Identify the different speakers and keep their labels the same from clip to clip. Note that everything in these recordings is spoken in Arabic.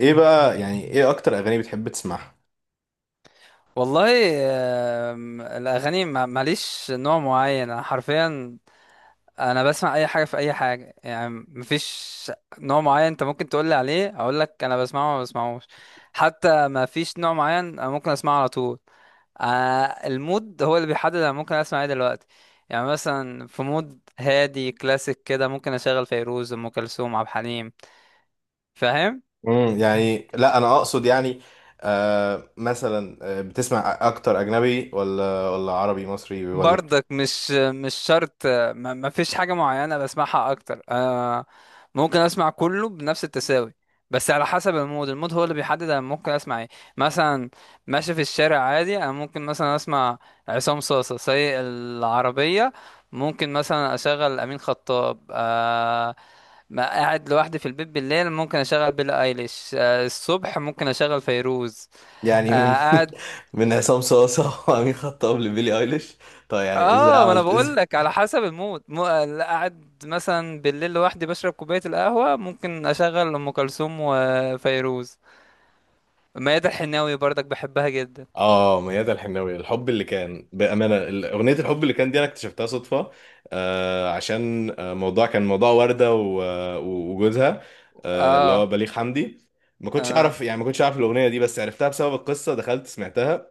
Speaker 1: ايه بقى، يعني ايه اكتر اغاني بتحب تسمعها؟
Speaker 2: والله. الأغاني ماليش نوع معين، أنا حرفيا أنا بسمع أي حاجة في أي حاجة، يعني مفيش نوع معين أنت ممكن تقولي عليه أقولك أنا بسمعه وما بسمعوش. حتى مفيش نوع معين أنا ممكن أسمعه على طول. المود هو اللي بيحدد أنا ممكن أسمع إيه دلوقتي. يعني مثلا في مود هادي كلاسيك كده ممكن أشغل فيروز، أم كلثوم، عبد الحليم. فاهم؟
Speaker 1: يعني، لا انا اقصد، يعني مثلا، بتسمع اكتر اجنبي ولا عربي مصري ولا
Speaker 2: برضك مش شرط، ما فيش حاجة معينة بسمعها أكتر أنا. ممكن أسمع كله بنفس التساوي، بس على حسب المود. المود هو اللي بيحدد أنا ممكن أسمع إيه. مثلا ماشي في الشارع عادي أنا ممكن مثلا أسمع عصام صاصة سايق العربية، ممكن مثلا أشغل أمين خطاب، ما قاعد لوحدي في البيت بالليل ممكن أشغل بيلي أيليش، الصبح ممكن أشغل فيروز.
Speaker 1: يعني من
Speaker 2: آه.
Speaker 1: من عصام صاصا وامين خطاب لبيلي ايليش. طيب، يعني ازاي
Speaker 2: اه، ما انا
Speaker 1: عملت؟
Speaker 2: بقول لك على حسب المود لا قاعد مثلا بالليل لوحدي بشرب كوبايه القهوه ممكن اشغل ام كلثوم وفيروز. ميادة الحناوي برضك بحبها جدا.
Speaker 1: اه، ميادة الحناوي، الحب اللي كان، بأمانة، أغنية الحب اللي كان دي أنا اكتشفتها صدفة. عشان موضوع، كان موضوع وردة وجوزها، اللي هو
Speaker 2: اه.
Speaker 1: بليغ حمدي. ما كنتش
Speaker 2: اه،
Speaker 1: أعرف، يعني ما كنتش أعرف الأغنية دي، بس عرفتها بسبب القصة، دخلت سمعتها.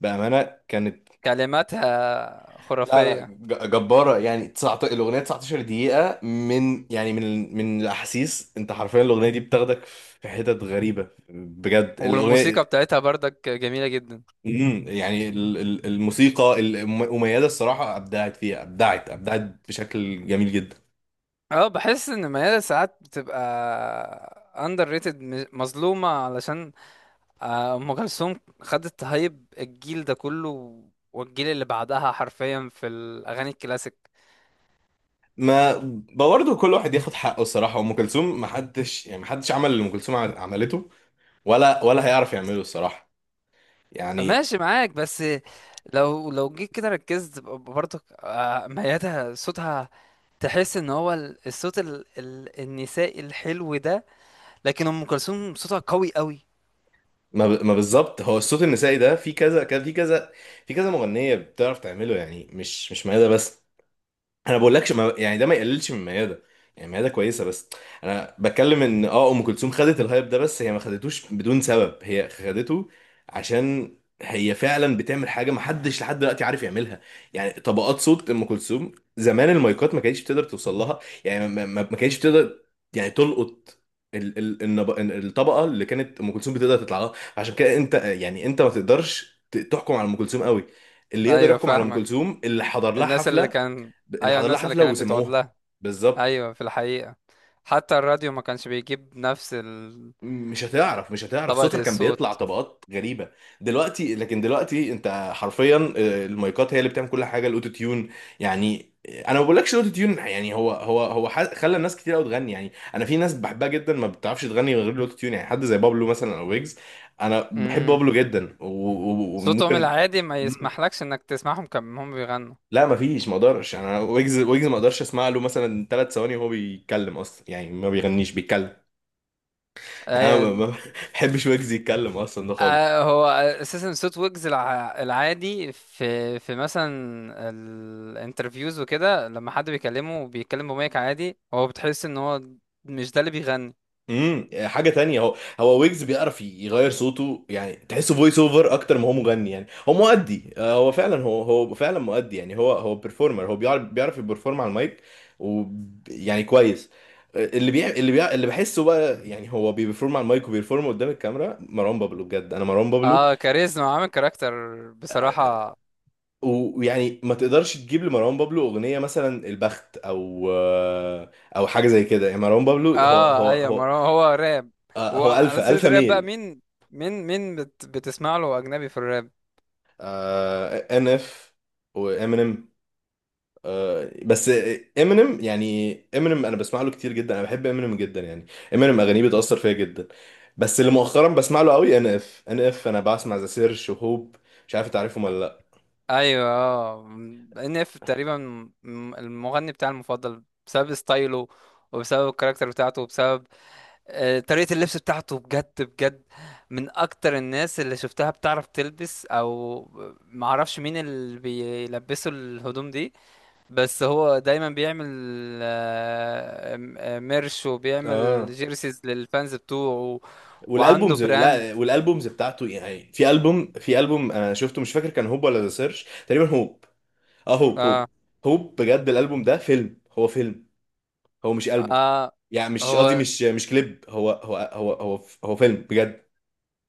Speaker 1: بأمانة كانت،
Speaker 2: كلماتها
Speaker 1: لا لا،
Speaker 2: خرافيه.
Speaker 1: جبارة. يعني 19، الأغنية 19 دقيقة من، يعني من الأحاسيس. أنت حرفيا الأغنية دي بتاخدك في حتت غريبة، بجد الأغنية.
Speaker 2: والموسيقى بتاعتها برضك جميله جدا.
Speaker 1: يعني، الموسيقى المميزه، الصراحه ابدعت فيها، ابدعت ابدعت بشكل جميل جدا.
Speaker 2: اه بحس ان ميادة ساعات بتبقى اندر ريتد، مظلومه، علشان ام كلثوم خدت هايب الجيل ده كله والجيل اللي بعدها حرفيا في الاغاني الكلاسيك.
Speaker 1: ما برضه كل واحد ياخد حقه. الصراحه ام كلثوم، ما حدش يعني ما حدش عمل اللي ام كلثوم عملته، ولا هيعرف يعمله الصراحه. يعني
Speaker 2: ماشي معاك، بس لو جيت كده ركزت، برضك ميادة صوتها، تحس ان هو الصوت ال النسائي الحلو ده، لكن ام كلثوم صوتها قوي قوي.
Speaker 1: ما ما بالظبط، هو الصوت النسائي ده في كذا كذا، في كذا، في كذا مغنيه بتعرف تعمله، يعني مش ميادة بس. انا بقولكش، ما يعني ده ما يقللش من ميادة. يعني ميادة كويسة، بس انا بتكلم ان ام كلثوم خدت الهايب ده، بس هي ما خدتوش بدون سبب، هي خدته عشان هي فعلا بتعمل حاجة ما حدش لحد دلوقتي عارف يعملها. يعني طبقات صوت ام كلثوم، زمان المايكات ما كانتش بتقدر توصل لها. يعني ما كانتش بتقدر يعني تلقط الطبقة اللي كانت ام كلثوم بتقدر تطلع لها. عشان كده انت، يعني انت ما تقدرش تحكم على ام كلثوم قوي. اللي يقدر
Speaker 2: ايوه
Speaker 1: يحكم على ام
Speaker 2: فاهمك.
Speaker 1: كلثوم اللي حضر لها
Speaker 2: الناس اللي
Speaker 1: حفلة،
Speaker 2: كان.
Speaker 1: اللي
Speaker 2: ايوه
Speaker 1: حضر لها
Speaker 2: الناس اللي
Speaker 1: حفله
Speaker 2: كانت بتقعد
Speaker 1: وسمعوها.
Speaker 2: لها.
Speaker 1: بالظبط.
Speaker 2: ايوه، في الحقيقة حتى الراديو ما كانش بيجيب نفس
Speaker 1: مش هتعرف، مش هتعرف. صوتها
Speaker 2: طبقة
Speaker 1: كان بيطلع
Speaker 2: الصوت.
Speaker 1: طبقات غريبه دلوقتي، لكن دلوقتي انت حرفيا، المايكات هي اللي بتعمل كل حاجه، الاوتو تيون يعني. انا ما بقولكش الاوتو تيون، يعني خلى الناس كتير قوي تغني. يعني انا في ناس بحبها جدا ما بتعرفش تغني من غير الاوتو تيون، يعني حد زي بابلو مثلا او ويجز. انا بحب
Speaker 2: امم
Speaker 1: بابلو جدا
Speaker 2: صوتهم
Speaker 1: وممكن.
Speaker 2: العادي ما
Speaker 1: مم.
Speaker 2: يسمحلكش انك تسمعهم كم هم بيغنوا.
Speaker 1: لا ما فيش، ما اقدرش. يعني أنا ويجز، ما اقدرش اسمع له مثلا 3 ثواني وهو بيتكلم اصلا، يعني ما بيغنيش بيتكلم. انا ما
Speaker 2: ايوه.
Speaker 1: ما- ما بحبش ويجز يتكلم اصلا ده خالص.
Speaker 2: هو اساسا صوت ويجز العادي في مثلا الانترفيوز وكده، لما حد بيكلمه بيتكلم بمايك عادي هو بتحس ان هو مش ده اللي بيغني.
Speaker 1: حاجه تانية، هو ويجز بيعرف يغير صوته، يعني تحسه فويس اوفر اكتر ما هو مغني. يعني هو مؤدي، هو فعلا، هو فعلا مؤدي، يعني هو بيرفورمر، هو بيعرف يبرفورم على المايك و يعني كويس. اللي بحسه بقى، يعني هو بيبرفورم على المايك وبيبرفورم قدام الكاميرا. مروان بابلو، بجد انا مروان بابلو
Speaker 2: اه، كاريزما عامل كاركتر، بصراحة.
Speaker 1: ويعني ما تقدرش تجيب لمروان بابلو اغنيه مثلا البخت او او حاجه زي كده. يعني مروان بابلو هو
Speaker 2: اه
Speaker 1: هو
Speaker 2: ايوه، ما
Speaker 1: هو
Speaker 2: هو راب.
Speaker 1: هو
Speaker 2: وعلى
Speaker 1: الفا
Speaker 2: سيرة الراب بقى،
Speaker 1: ميل.
Speaker 2: مين مين بتسمع له اجنبي في الراب؟
Speaker 1: NF وامينيم، بس امينيم يعني، امينيم انا بسمع له كتير جدا، انا بحب امينيم جدا يعني، امينيم اغانيه بتاثر فيا جدا. بس اللي مؤخرا بسمع له قوي ان اف، انا بسمع ذا سيرش وهوب. مش عارف تعرفهم ولا لا؟
Speaker 2: ايوه اه. ان اف تقريبا المغني بتاعي المفضل، بسبب ستايله وبسبب الكاركتر بتاعته وبسبب طريقة اللبس بتاعته. بجد بجد من أكتر الناس اللي شفتها بتعرف تلبس، أو معرفش مين اللي بيلبسوا الهدوم دي. بس هو دايما بيعمل ميرش وبيعمل
Speaker 1: اه،
Speaker 2: جيرسيز للفانز بتوعه. وعنده
Speaker 1: والالبومز،
Speaker 2: براند.
Speaker 1: لا والالبومز بتاعته يعني، في البوم، انا شفته مش فاكر كان هوب ولا ذا سيرش، تقريبا هوب. اه، هوب هوب.
Speaker 2: اه،
Speaker 1: هوب بجد، الالبوم ده فيلم، هو فيلم، هو مش ألبوم.
Speaker 2: اه،
Speaker 1: يعني مش قصدي،
Speaker 2: هو
Speaker 1: مش كليب، هو فيلم بجد.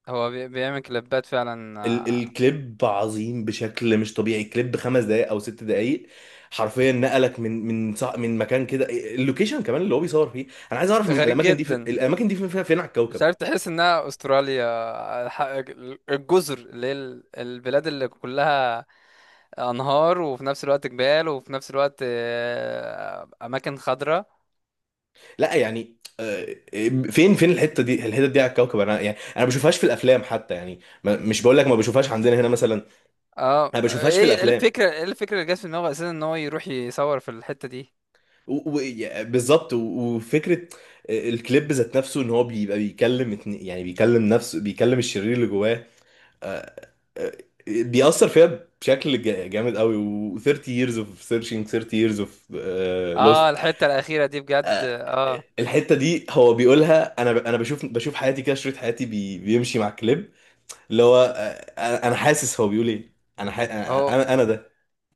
Speaker 2: هو بيعمل كليبات فعلا.
Speaker 1: الكليب عظيم بشكل مش طبيعي. كليب 5 دقايق او 6 دقايق، حرفيا نقلك من مكان كده، اللوكيشن كمان اللي هو بيصور فيه. انا عايز اعرف
Speaker 2: غريب
Speaker 1: الاماكن دي، في
Speaker 2: جدا،
Speaker 1: الاماكن دي فين، فين على
Speaker 2: مش
Speaker 1: الكوكب؟
Speaker 2: عارف، تحس انها استراليا. الجزر اللي هي البلاد اللي كلها انهار وفي نفس الوقت جبال وفي نفس الوقت اماكن خضراء.
Speaker 1: لا، يعني فين الحته دي، على الكوكب. انا يعني انا ما بشوفهاش في الافلام حتى، يعني مش بقول لك ما بشوفهاش عندنا هنا مثلا، انا
Speaker 2: اه،
Speaker 1: ما بشوفهاش في
Speaker 2: ايه إيه
Speaker 1: الافلام.
Speaker 2: الفكره ايه الفكره اللي جت في دماغه اساسا ان هو يروح يصور في الحته دي.
Speaker 1: بالظبط، وفكره الكليب ذات نفسه ان هو بيبقى بيكلم يعني بيكلم نفسه، بيكلم الشرير اللي جواه. آه، آه، بيأثر فيها بشكل جامد قوي. و 30 years of searching, 30 years of lost.
Speaker 2: اه الحته الاخيره دي بجد.
Speaker 1: آه،
Speaker 2: اه،
Speaker 1: الحته دي هو بيقولها، انا انا بشوف حياتي، كده شريط حياتي بيمشي مع الكليب. اللي هو، أنا حاسس هو بيقول ايه. انا ح- انا
Speaker 2: هو
Speaker 1: انا أنا ده.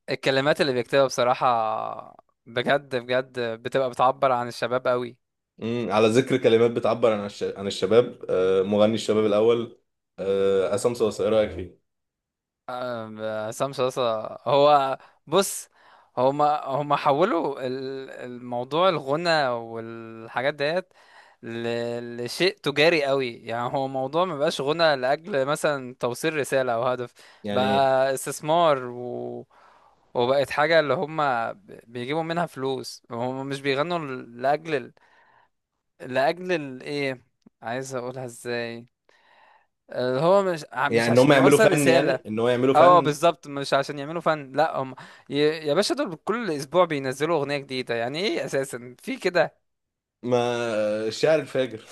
Speaker 2: الكلمات اللي بيكتبها بصراحه بجد بجد بتبقى بتعبر عن الشباب قوي.
Speaker 1: على ذكر كلمات بتعبر عن عن الشباب، مغني الشباب الاول، عصام صاصا ايه رايك فيه؟
Speaker 2: عصام صاصا هو، بص، هما حولوا الموضوع، الغنى والحاجات ديت لشيء تجاري قوي. يعني هو موضوع ما بقاش غنى لأجل مثلا توصيل رسالة أو هدف،
Speaker 1: يعني
Speaker 2: بقى استثمار وبقت حاجة اللي هما بيجيبوا منها فلوس. هما مش بيغنوا لأجل إيه، عايز أقولها إزاي، اللي هو مش ع-
Speaker 1: يعني
Speaker 2: مش
Speaker 1: ان هم
Speaker 2: عشان
Speaker 1: يعملوا
Speaker 2: يوصل
Speaker 1: فن،
Speaker 2: رسالة.
Speaker 1: يعني ان هو يعملوا
Speaker 2: اه
Speaker 1: فن.
Speaker 2: بالظبط، مش عشان يعملوا فن، لا هم يا باشا دول كل اسبوع بينزلوا اغنيه جديده. يعني ايه اساسا في كده.
Speaker 1: ما الشاعر الفاجر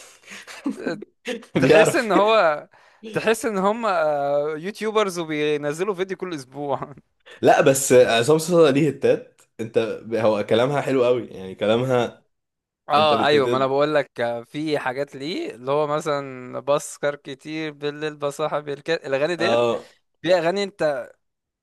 Speaker 2: تحس ان
Speaker 1: بيعرف.
Speaker 2: هو تحس ان هم يوتيوبرز وبينزلوا فيديو كل اسبوع.
Speaker 1: لا بس، عصام صاصا ليه هتات انت؟ هو كلامها حلو قوي يعني، كلامها انت
Speaker 2: اه
Speaker 1: بتت
Speaker 2: ايوه، ما انا بقول لك في حاجات، ليه اللي هو مثلا بسكر كتير بالليل بصاحب الاغاني ديت.
Speaker 1: اه.
Speaker 2: في اغاني، انت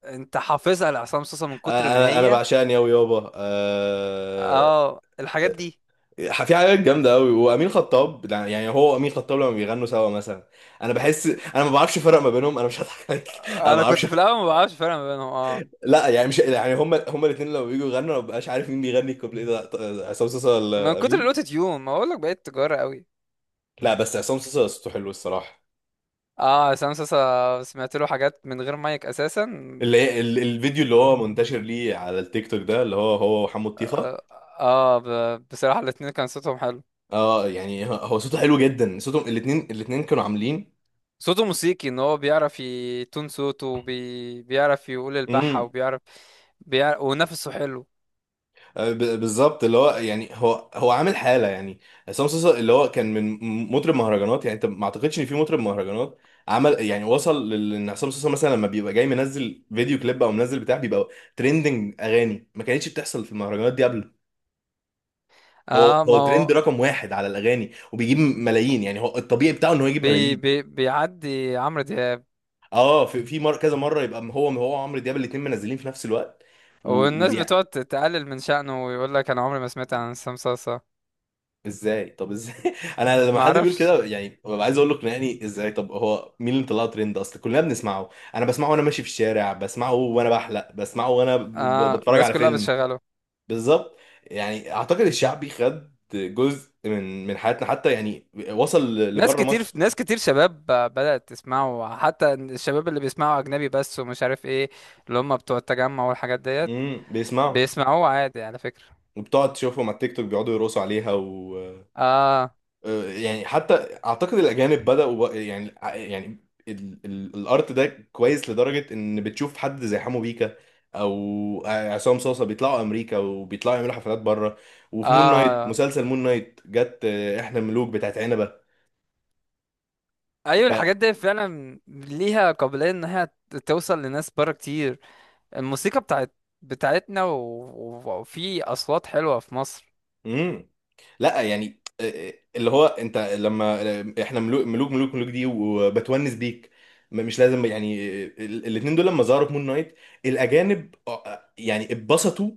Speaker 2: انت حافظها لعصام صوصه من كتر ما
Speaker 1: انا
Speaker 2: هي.
Speaker 1: بعشقني قوي يابا،
Speaker 2: اه الحاجات دي.
Speaker 1: في حاجات جامده قوي. وامين خطاب، يعني هو وامين خطاب لما بيغنوا سوا مثلا، انا بحس، انا ما بعرفش افرق ما بينهم. انا مش هضحك عليك انا ما
Speaker 2: انا
Speaker 1: بعرفش.
Speaker 2: كنت في الاول ما بعرفش فرق ما بينهم. اه،
Speaker 1: لا، يعني مش يعني هما الاثنين لما بييجوا يغنوا، أنا ما ببقاش عارف مين بيغني الكوبليه ده، عصام صاصا
Speaker 2: من
Speaker 1: ولا
Speaker 2: كتر
Speaker 1: امين؟
Speaker 2: الاوتو تيون ما اقول لك بقيت تجاره قوي.
Speaker 1: لا بس، عصام صاصا صوته حلو الصراحه.
Speaker 2: اه، عصام صاصا سمعت له حاجات من غير مايك اساسا.
Speaker 1: اللي هي الفيديو اللي هو منتشر ليه على التيك توك ده، اللي هو وحمو الطيخه.
Speaker 2: اه، آه، بصراحه الاتنين كان صوتهم حلو.
Speaker 1: اه، يعني هو صوته حلو جدا، صوتهم الاثنين، كانوا عاملين.
Speaker 2: صوته موسيقي، ان هو بيعرف يتون صوته بيعرف يقول البحة،
Speaker 1: امم
Speaker 2: وبيعرف ونفسه حلو.
Speaker 1: بالظبط. اللي هو يعني هو عامل حاله يعني. عصام صاصا اللي هو كان من مطرب مهرجانات. يعني انت ما اعتقدش ان في مطرب مهرجانات عمل، يعني وصل ان عصام صاصا مثلا لما بيبقى جاي منزل فيديو كليب او منزل بتاع، بيبقى ترندنج. اغاني ما كانتش بتحصل في المهرجانات دي قبل. هو
Speaker 2: اه،
Speaker 1: هو
Speaker 2: ما
Speaker 1: ترند
Speaker 2: هو
Speaker 1: رقم واحد على الاغاني، وبيجيب ملايين. يعني هو الطبيعي بتاعه ان هو يجيب ملايين.
Speaker 2: بيعدي عمرو دياب.
Speaker 1: اه، في في كذا مره يبقى هو، هو وعمرو دياب الاثنين منزلين في نفس الوقت.
Speaker 2: والناس بتقعد تقلل من شأنه ويقول لك انا عمري ما سمعت عن عصام صاصا.
Speaker 1: ازاي؟ طب ازاي؟ انا لما
Speaker 2: ما
Speaker 1: حد بيقول
Speaker 2: اعرفش.
Speaker 1: كده، يعني ببقى عايز اقول له اقنعني ازاي، طب هو مين اللي طلعه ترند؟ اصل كلنا بنسمعه، انا بسمعه وانا ماشي في الشارع، بسمعه وانا بحلق، بسمعه وانا
Speaker 2: اه،
Speaker 1: بتفرج
Speaker 2: الناس
Speaker 1: على
Speaker 2: كلها
Speaker 1: فيلم.
Speaker 2: بتشغله.
Speaker 1: بالظبط. يعني اعتقد الشعبي خد جزء من حياتنا، حتى يعني وصل
Speaker 2: ناس
Speaker 1: لبره
Speaker 2: كتير،
Speaker 1: مصر.
Speaker 2: ناس كتير شباب بدأت تسمعه، حتى الشباب اللي بيسمعوا أجنبي بس ومش عارف ايه، اللي هم بتوع التجمع والحاجات ديت،
Speaker 1: بيسمعه،
Speaker 2: بيسمعوه عادي على فكرة.
Speaker 1: وبتقعد تشوفهم على التيك توك بيقعدوا يرقصوا عليها.
Speaker 2: اه.
Speaker 1: يعني حتى اعتقد الاجانب بداوا يعني الارت ده كويس لدرجه ان بتشوف حد زي حمو بيكا او عصام صاصا بيطلعوا امريكا، وبيطلعوا يعملوا حفلات بره. وفي مون نايت،
Speaker 2: اه
Speaker 1: مسلسل مون نايت جت احنا ملوك بتاعت عنبه.
Speaker 2: ايوه، الحاجات دي فعلا ليها قابلية انها توصل لناس بره كتير. الموسيقى بتاعتنا، وفي أصوات حلوة في مصر.
Speaker 1: امم لا، يعني اللي هو انت لما احنا ملوك دي، وبتونس بيك. مش لازم، يعني الاتنين دول لما ظهروا في مون نايت الاجانب، يعني اتبسطوا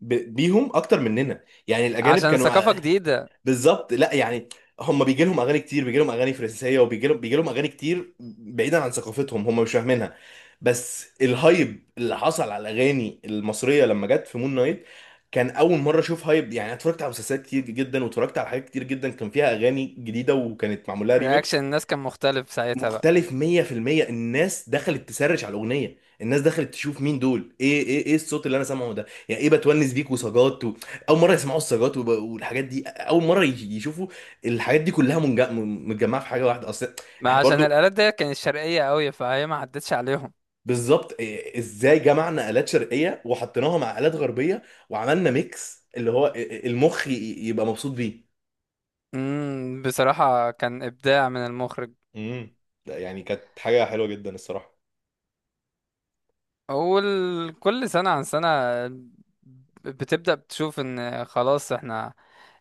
Speaker 1: بيهم اكتر مننا. يعني الاجانب
Speaker 2: عشان
Speaker 1: كانوا،
Speaker 2: ثقافة جديدة.
Speaker 1: بالظبط. لا يعني، هم بيجي لهم اغاني كتير، بيجي لهم اغاني فرنسيه، وبيجي لهم اغاني كتير بعيدا عن ثقافتهم، هم مش فاهمينها. بس الهايب اللي حصل على الاغاني المصريه لما جت في مون نايت كان اول مره اشوف هايب. يعني أنا اتفرجت على مسلسلات كتير جدا واتفرجت على حاجات كتير جدا كان فيها اغاني جديده وكانت معمول لها ريميكس
Speaker 2: رياكشن الناس كان مختلف ساعتها بقى.
Speaker 1: مختلف 100%. الناس دخلت تسرش على الاغنيه، الناس دخلت تشوف مين دول، ايه ايه الصوت اللي انا سامعه ده، يعني ايه بتونس بيك وسجات و... اول مره يسمعوا السجات والحاجات دي. اول مره يشوفوا الحاجات دي كلها متجمعه في حاجه واحده. اصل
Speaker 2: ما
Speaker 1: احنا
Speaker 2: عشان
Speaker 1: برضو،
Speaker 2: الآلات دي كانت شرقية قوي فهي ما عدتش عليهم.
Speaker 1: بالظبط. ازاي جمعنا الات شرقيه وحطيناها مع الات غربيه، وعملنا ميكس اللي هو المخ يبقى مبسوط بيه.
Speaker 2: بصراحة كان إبداع من المخرج.
Speaker 1: امم ده يعني كانت حاجه حلوه جدا الصراحه.
Speaker 2: أول، كل سنة عن سنة بتبدأ بتشوف إن خلاص إحنا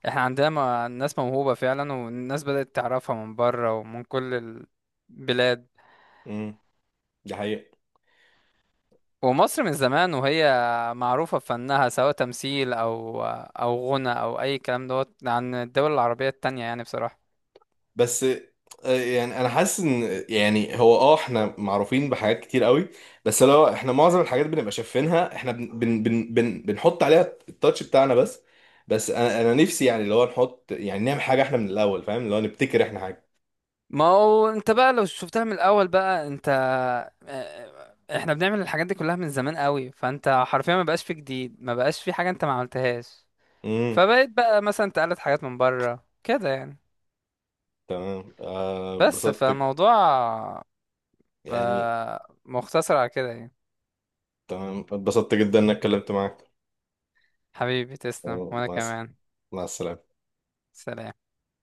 Speaker 2: إحنا عندنا، ناس موهوبة فعلا، والناس بدأت تعرفها من بره ومن كل البلاد.
Speaker 1: امم دي حقيقه.
Speaker 2: ومصر من زمان وهي معروفة بفنها، سواء تمثيل أو غنى أو أي كلام، دوت عن الدول العربية التانية يعني بصراحة.
Speaker 1: بس يعني انا حاسس ان، يعني هو اه احنا معروفين بحاجات كتير قوي، بس لو احنا معظم الحاجات بنبقى شايفينها، احنا بن بن بن بن بنحط عليها التاتش بتاعنا بس. بس انا نفسي يعني اللي هو نحط، يعني نعمل حاجه احنا من الاول، فاهم؟ اللي هو نبتكر احنا حاجه.
Speaker 2: ما هو انت بقى لو شفتها من الاول بقى، انت احنا بنعمل الحاجات دي كلها من زمان قوي، فانت حرفيا ما بقاش في جديد، ما بقاش في حاجة انت ما عملتهاش.
Speaker 1: امم
Speaker 2: فبقيت بقى مثلا تقلد حاجات من بره كده، يعني
Speaker 1: تمام،
Speaker 2: بس
Speaker 1: اتبسطت
Speaker 2: فموضوع،
Speaker 1: يعني.
Speaker 2: اه، مختصر على كده يعني.
Speaker 1: تمام، اتبسطت جدا انك اتكلمت معاك.
Speaker 2: حبيبي تسلم
Speaker 1: آه،
Speaker 2: وانا
Speaker 1: مع الس-
Speaker 2: كمان.
Speaker 1: مع السلامه.
Speaker 2: سلام.